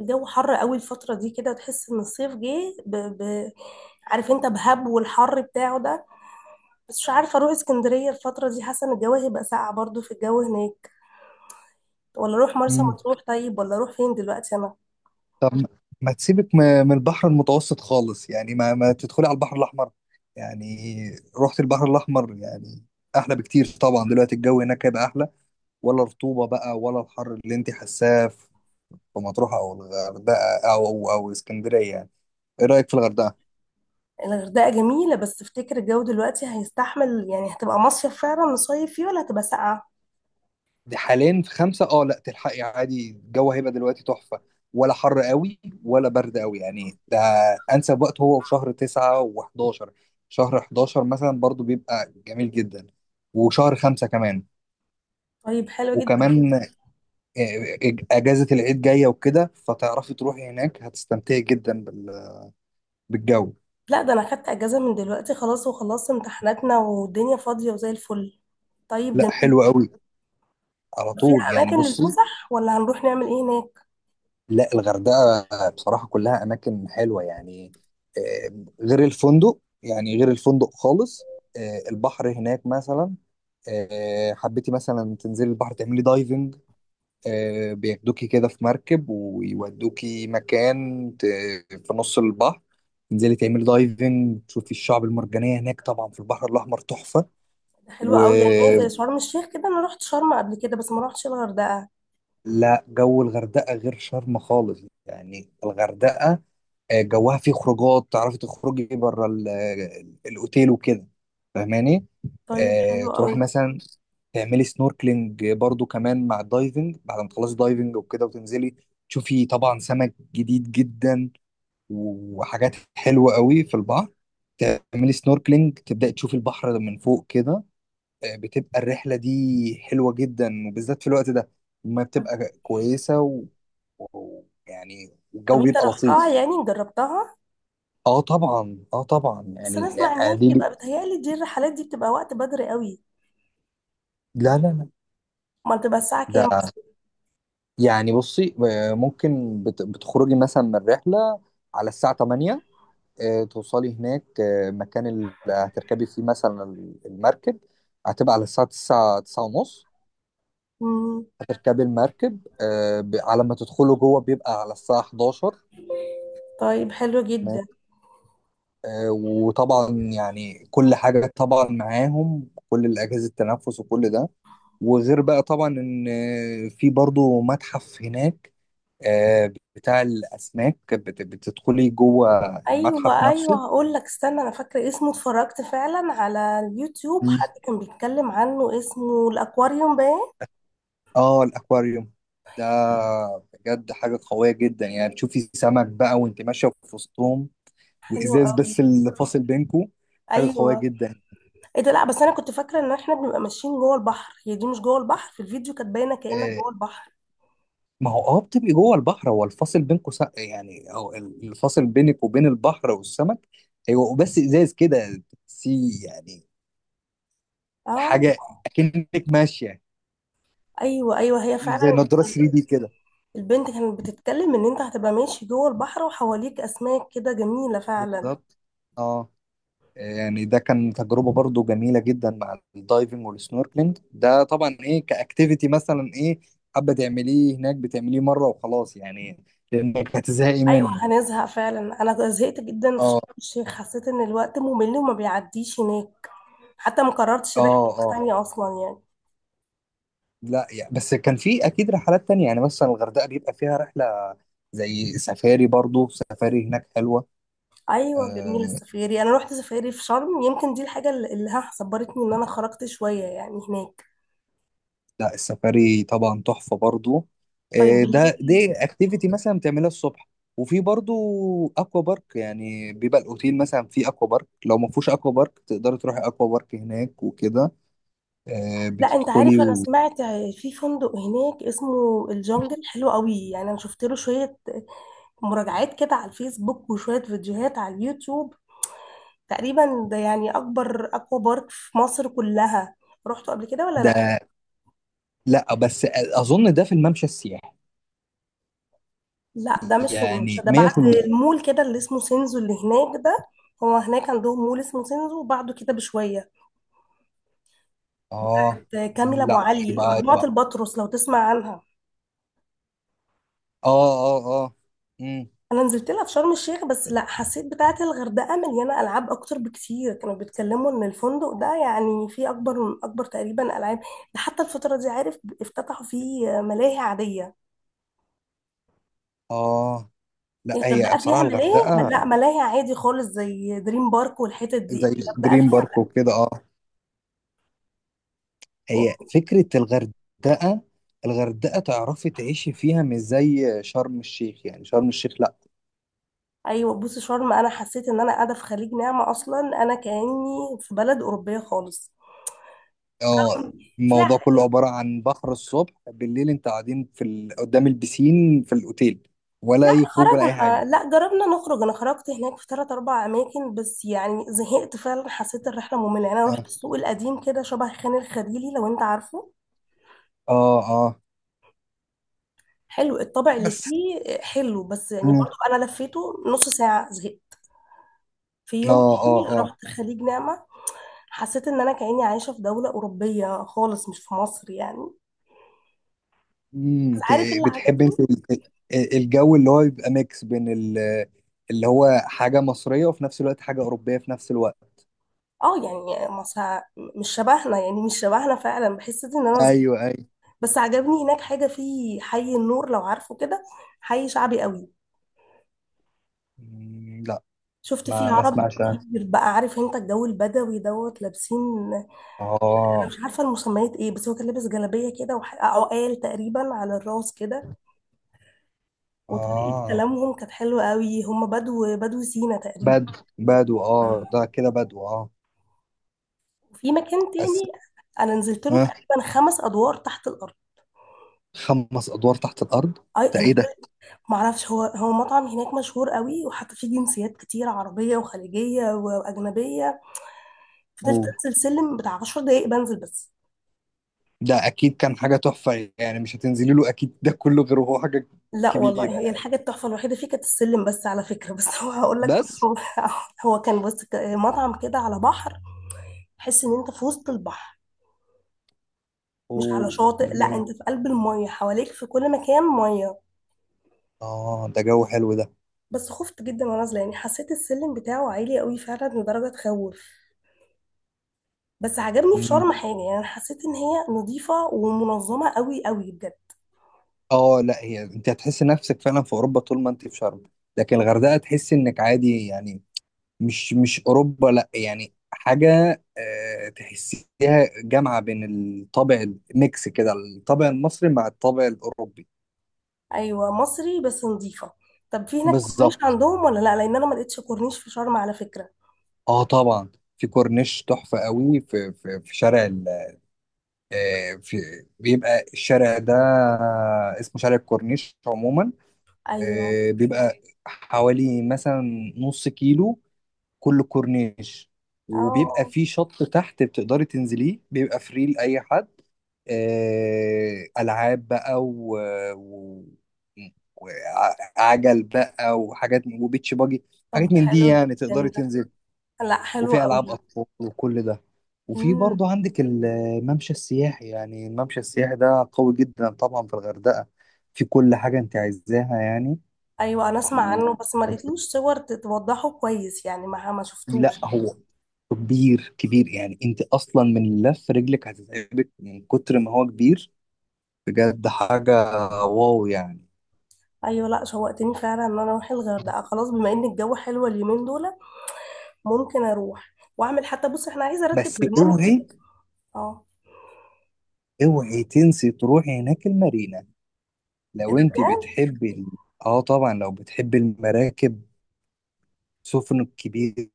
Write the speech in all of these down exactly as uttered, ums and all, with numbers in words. الجو حر قوي الفترة دي كده تحس ان الصيف جه ب... ب... عارف انت بهب والحر بتاعه ده. بس مش عارفة اروح اسكندرية الفترة دي، حاسة ان الجو هيبقى ساقع برضو في الجو هناك. ولا اروح مرسى مم. مطروح، طيب ولا اروح فين دلوقتي انا؟ طب ما تسيبك م- من البحر المتوسط خالص، يعني ما ما تدخلي على البحر الأحمر يعني. رحت البحر الأحمر يعني أحلى بكتير طبعا. دلوقتي الجو هناك هيبقى أحلى، ولا رطوبة بقى ولا الحر اللي أنت حاساه في مطروح أو الغردقة أو أو أو اسكندرية يعني. إيه رأيك في الغردقة؟ الغردقة جميلة، بس تفتكر الجو دلوقتي هيستحمل؟ يعني هتبقى مصيف فعلا نصيف فيه ولا هتبقى ساقعة؟ دي حاليا في خمسة، اه لا تلحقي عادي. الجو هيبقى دلوقتي تحفة، ولا حر قوي ولا برد قوي يعني. ده أنسب وقت هو في شهر تسعة و11. شهر الحداشر مثلا برضو بيبقى جميل جدا. وشهر خمسة كمان. طيب حلو جدا. وكمان آه، آه، أجازة العيد جاية وكده، فتعرفي تروحي هناك هتستمتعي جدا بال- بالجو. لا ده انا خدت اجازة من دلوقتي خلاص، وخلصت امتحاناتنا والدنيا فاضية وزي الفل. طيب لا جميل. حلو قوي، على فيها طول يعني. اماكن بصي، للفسح ولا هنروح نعمل ايه هناك؟ لا الغردقة بصراحة كلها أماكن حلوة يعني. آه، غير الفندق، يعني غير الفندق خالص. آه، البحر هناك مثلا. آه، حبيتي مثلا تنزلي البحر تعملي دايفنج، آه، بياخدوكي كده في مركب ويودوكي مكان ت- في نص البحر، تنزلي تعملي دايفنج تشوفي الشعب المرجانية هناك، طبعا في البحر الأحمر تحفة. حلوة قوي. يعني هي ولا زي شرم الشيخ كده؟ انا رحت شرم قبل كده بس ما رحتش الغردقة. جو الغردقة غير شرم خالص. يعني الغردقة، آه، جواها فيه خروجات، تعرفي تخرجي بره ال- ال- الاوتيل وكده، فاهماني. طيب آه، حلو تروحي قوي. مثلا تعملي سنوركلينج برضو كمان مع الدايفنج، بعد ما تخلصي دايفنج وكده وتنزلي تشوفي طبعا سمك جديد جدا وحاجات حلوة قوي في البحر. تعملي سنوركلينج تبدأي تشوفي البحر من فوق كده. آه، بتبقى الرحلة دي حلوة جدا، وبالذات في الوقت ده ما بتبقى كويسة، ويعني و... و- يعني طب الجو انت بيبقى رحتها لطيف. يعني، جربتها؟ اه طبعا اه طبعا بس يعني انا اسمع ان هي يعني بتبقى، دي. بتهيألي دي الرحلات دي بتبقى وقت بدري قوي. لا لا لا. ما بتبقى الساعة كام؟ ده يعني بصي، آه، ممكن بت- بتخرجي مثلا من الرحلة على الساعة تمانية، آه، توصلي هناك آه، مكان اللي هتركبي فيه مثلا ال- المركب هتبقى على الساعة تسعة، تسعة ونص مم. هتركبي المركب. آه، ب- على ما تدخلوا جوه بيبقى على الساعة حداشر. طيب حلو جدا. آه، وطبعا يعني كل حاجة طبعا معاهم، كل الأجهزة التنفس وكل ده. وغير بقى طبعا إن آه، في برضو متحف هناك، آه، بتاع الأسماك، بت- بتدخلي جوه المتحف ايوه نفسه. ايوه، هقول لك استنى، انا فاكره اسمه. اتفرجت فعلا على اليوتيوب، مم. حد كان بيتكلم عنه، اسمه الاكواريوم باين. اه الأكواريوم ده بجد حاجة قوية جدا، يعني تشوفي سمك بقى وانت ماشية في وسطهم، حلو وإزاز قوي. بس اللي فاصل بينكو. حاجة قوية ايوه. جدا. ايه ده؟ لا بس انا كنت فاكره ان احنا بنبقى ماشيين جوه البحر. هي دي مش جوه البحر؟ في الفيديو كانت باينه كأنك آه، جوه البحر. ما هو اه بتبقي جوه البحر، هو الفاصل بينكم سق يعني، او الفاصل بينك وبين البحر والسمك هيبقوا بس ازاز كده سي يعني. اه. حاجه اكنك ماشيه ايوه ايوه هي زي فعلا. نضاره تلاتة دي كده. البنت كانت بتتكلم ان انت هتبقى ماشي جوه البحر وحواليك اسماك كده، جميله فعلا. بالظبط، اه. يعني ده كان تجربه برضو جميله جدا مع الدايفنج والسنوركلينج ده. طبعا ايه كاكتيفيتي مثلا ايه حابه تعمليه هناك، بتعمليه مره وخلاص يعني، لانك هتزهقي ايوه منه. هنزهق فعلا. انا زهقت جدا في اه شرم الشيخ، حسيت ان الوقت ممل وما بيعديش هناك. حتى ما قررتش رحله اه اه. تانية اصلا يعني. لا يعني، بس كان في اكيد رحلات تانية يعني، مثلا الغردقه بيبقى فيها رحله زي سفاري، برضو سفاري هناك حلوه. ايوه جميله آه السفاري، انا رحت سفاري في شرم، يمكن دي الحاجه اللي اللي ها صبرتني ان انا خرجت شويه يعني هناك. لا، السفاري طبعا تحفه برضو. طيب آه، ده بالليل. دي اكتيفيتي مثلا بتعملها الصبح. وفي برضو اكوا بارك، يعني بيبقى الاوتيل مثلا فيه اكوا بارك، لو ما فيهوش اكوا بارك تقدري تروحي اكوا بارك هناك وكده. آه لا انت عارف، بتدخلي انا و... سمعت في فندق هناك اسمه الجنجل، حلو قوي يعني. انا شفت له شويه مراجعات كده على الفيسبوك وشوية فيديوهات على اليوتيوب. تقريبا ده يعني أكبر أكوا بارك في مصر كلها. رحتوا قبل كده ولا لأ؟ ده. لا بس اظن ده في الممشى السياحي. لأ ده مش في الممشى، يعني ده بعد ميه في الميه. المول كده اللي اسمه سينزو اللي هناك ده. هو هناك عندهم مول اسمه سينزو، وبعده كده بشوية. اه كامل أبو لا، علي، يبقى مجموعة يبقى البطرس، لو تسمع عنها. اه اه اه. امم. انا نزلت لها في شرم الشيخ، بس لا حسيت بتاعه الغردقه مليانه العاب اكتر بكتير. كانوا بيتكلموا ان الفندق ده يعني فيه اكبر من اكبر تقريبا العاب. ده حتى الفتره دي عارف افتتحوا فيه ملاهي عاديه اه لا يعني. هي الغردقه فيها بصراحة ملاهي. لا الغردقة ملاهي عادي خالص، زي دريم بارك والحتت دي. زي الغردقه دريم فيها بارك لا وكده، اه. هي يعني. فكرة الغردقة، الغردقة تعرفي تعيشي فيها، مش زي شرم الشيخ، يعني شرم الشيخ لا، ايوه بصي شرم، انا حسيت ان انا قاعده في خليج نعمه، اصلا انا كاني في بلد اوروبيه خالص. اه. فيها. الموضوع كله عبارة عن بحر، الصبح بالليل انت قاعدين في ال... قدام البسين في الأوتيل، ولا لا أي خروج ولا أي خرجنا، حاجة. لا جربنا نخرج، انا خرجت هناك في ثلاث اربع اماكن بس، يعني زهقت فعلا، حسيت الرحله ممله يعني. انا اه رحت السوق القديم كده، شبه خان الخليلي لو انت عارفه. اه. آه. حلو الطابع اللي بس. فيه حلو، بس يعني مم. برضو انا لفيته نص ساعه زهقت. في اه يوم اه تاني اه. رحت خليج نعمة، حسيت ان انا كأني عايشة في دولة أوروبية خالص، مش في مصر يعني. بس امم. عارف اللي بتحب عجبني؟ انت ال- ال- الجو اللي هو يبقى ميكس بين ال- اللي هو حاجة مصرية، وفي نفس الوقت حاجة أوروبية في نفس الوقت. اه يعني مصر مش شبهنا، يعني مش شبهنا فعلا، بحس ان انا صغيرة. ايوه ايوه. بس عجبني هناك حاجة في حي النور، لو عارفه كده، حي شعبي قوي. مم، لا. شفت فيه ما اه ما عرب اسمعش كتير، أنا. بقى عارف انت الجو البدوي دوت لابسين. انا اه مش عارفة المسميات ايه، بس هو كان لابس جلابية كده وح- عقال تقريبا على الراس كده. وطريقة اه. كلامهم كانت حلوة قوي، هم بدو بدو سينا تقريبا. بدو بدو اه، ده كده بدو اه. وفي مكان بس. تاني انا نزلت له آه. تقريبا خمس ادوار تحت الارض. خمس ادوار تحت الارض، اي ده انا ايه ده؟ فضلت، معرفش هو هو مطعم هناك مشهور قوي، وحتى فيه جنسيات كتير عربية وخليجية واجنبية. فضلت اوه، انزل سلم بتاع عشر دقايق بنزل بس. ده اكيد كان حاجة تحفة يعني، مش هتنزلي له اكيد، ده كله غير، وهو حاجة لا كبيرة والله هي يعني. الحاجه التحفه الوحيده فيه كانت السلم بس على فكره. بس هو هقول لك بس. هو، هو كان بس ك- مطعم كده على بحر، تحس ان انت في وسط البحر، مش على اوه ده شاطئ. جو. لا انت في قلب الميه، حواليك في كل مكان ميه. اه ده جو حلو. بس خفت جدا وانا نازله، يعني حسيت السلم بتاعه عالي قوي فعلا لدرجه تخوف. بس عجبني في شرم ده حاجه، يعني حسيت ان هي نظيفه ومنظمه قوي قوي بجد. اه لا، هي انت هتحس نفسك فعلا في اوروبا طول ما انت في شرم، لكن الغردقه تحس انك عادي يعني، مش مش اوروبا لا، يعني حاجه آه، تحسيها جامعه بين الطابع، الميكس كده الطابع المصري مع الطابع الاوروبي. ايوه مصري بس نظيفه. طب في هناك كورنيش بالظبط، عندهم ولا لا؟ لان انا ما لقيتش كورنيش في شرم على فكره. اه طبعا. في كورنيش تحفه قوي، في في في شارع ال آه، في بيبقى الشارع ده اسمه شارع الكورنيش عموما. ايوه. آه، بيبقى حوالي مثلا نص كيلو كل الكورنيش. وبيبقى اه. في شط تحت بتقدري تنزليه، بيبقى فري لأي حد. آه، ألعاب بقى و... و... وعجل بقى وحاجات وبيتش باجي، طب حاجات ده من دي حلو يعني تقدري جدا ده. تنزل. لا حلو وفي ألعاب قوي. أطفال وكل ده. وفي امم. برضو عندك الممشى السياحي، يعني الممشى السياحي ده قوي جدا طبعا في الغردقة. في كل حاجة انت عايزاها يعني. ايوه انا اسمع و... عنه، بس ما لقيتلوش صور ت- توضحه كويس يعني، ما ما شفتوش. لا هو كبير كبير يعني، انت اصلا من لف رجلك هتتعبك من كتر ما هو كبير. بجد حاجه، واو يعني. ايوه لا شوقتني فعلا ان انا اروح الغردقه خلاص، بما ان الجو حلو اليومين دول. ممكن اروح واعمل، حتى بص احنا عايزه ارتب بس برنامج اوعي، كده. اه. اوعي تنسي تروحي هناك المارينا. إيه لو انت ده؟ بتحبي ال- اه طبعا، لو بتحبي المراكب، السفن الكبيره،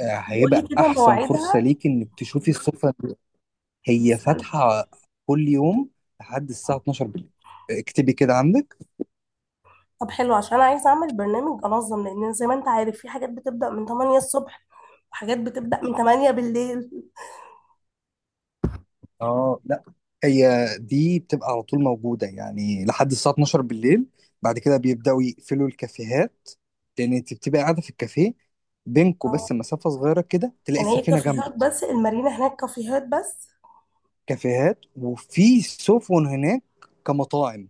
آه، بقول لي هيبقى كده احسن فرصه مواعيدها. ليك انك تشوفي السفن دي. هي بس انا. فاتحه كل يوم لحد الساعه اتناشر بالليل. اكتبي كده عندك. طب حلو عشان انا عايزه اعمل برنامج انظم، لان زي ما انت عارف في حاجات بتبدا من تمانية الصبح وحاجات بتبدا من تمانية بالليل. اه لا، هي دي بتبقى على طول موجودة يعني لحد الساعة اتناشر بالليل. بعد كده بيبدأوا يقفلوا الكافيهات، لأن أنت بتبقى قاعدة في الكافيه، بينكوا اه بس مسافة صغيرة كده تلاقي يعني هي السفينة كافيهات جنبك. بس، المارينا هناك كافيهات بس؟ كافيهات وفي سفن هناك كمطاعم.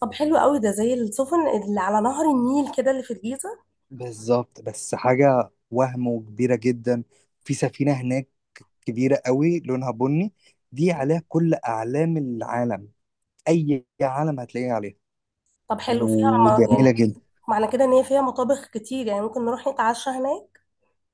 طب حلو قوي ده، زي السفن اللي على نهر النيل كده اللي في الجيزه. بالظبط. بس حاجة وهم وكبيرة جدا. في سفينة هناك كبيرة قوي، لونها بني، دي عليها كل أعلام العالم، أي عالم هتلاقيها عليها، طب حلو فيها. م- وجميلة. يعني معنى كده ان هي فيها مطابخ كتير، يعني ممكن نروح نتعشى هناك.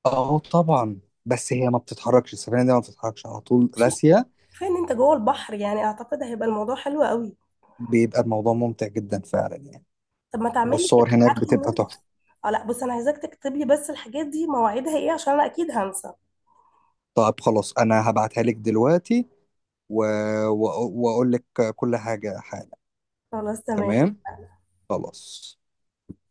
اه طبعا. بس هي ما بتتحركش، السفينه دي ما بتتحركش، على طول مش مشكله، راسيه. كفايه ان انت جوه البحر، يعني اعتقد هيبقى الموضوع حلو قوي. بيبقى الموضوع ممتع جدا فعلا يعني. طب ما تعملي كده، والصور هناك ابعت بتبقى لي. تحفه. اه لا بص، انا عايزاك تكتب لي بس الحاجات دي مواعيدها ايه، عشان انا اكيد هنسى. طيب خلاص، انا هبعتها لك دلوقتي، و... و... واقول لك كل حاجه حالا. خلاص تمام. تمام. خلاص.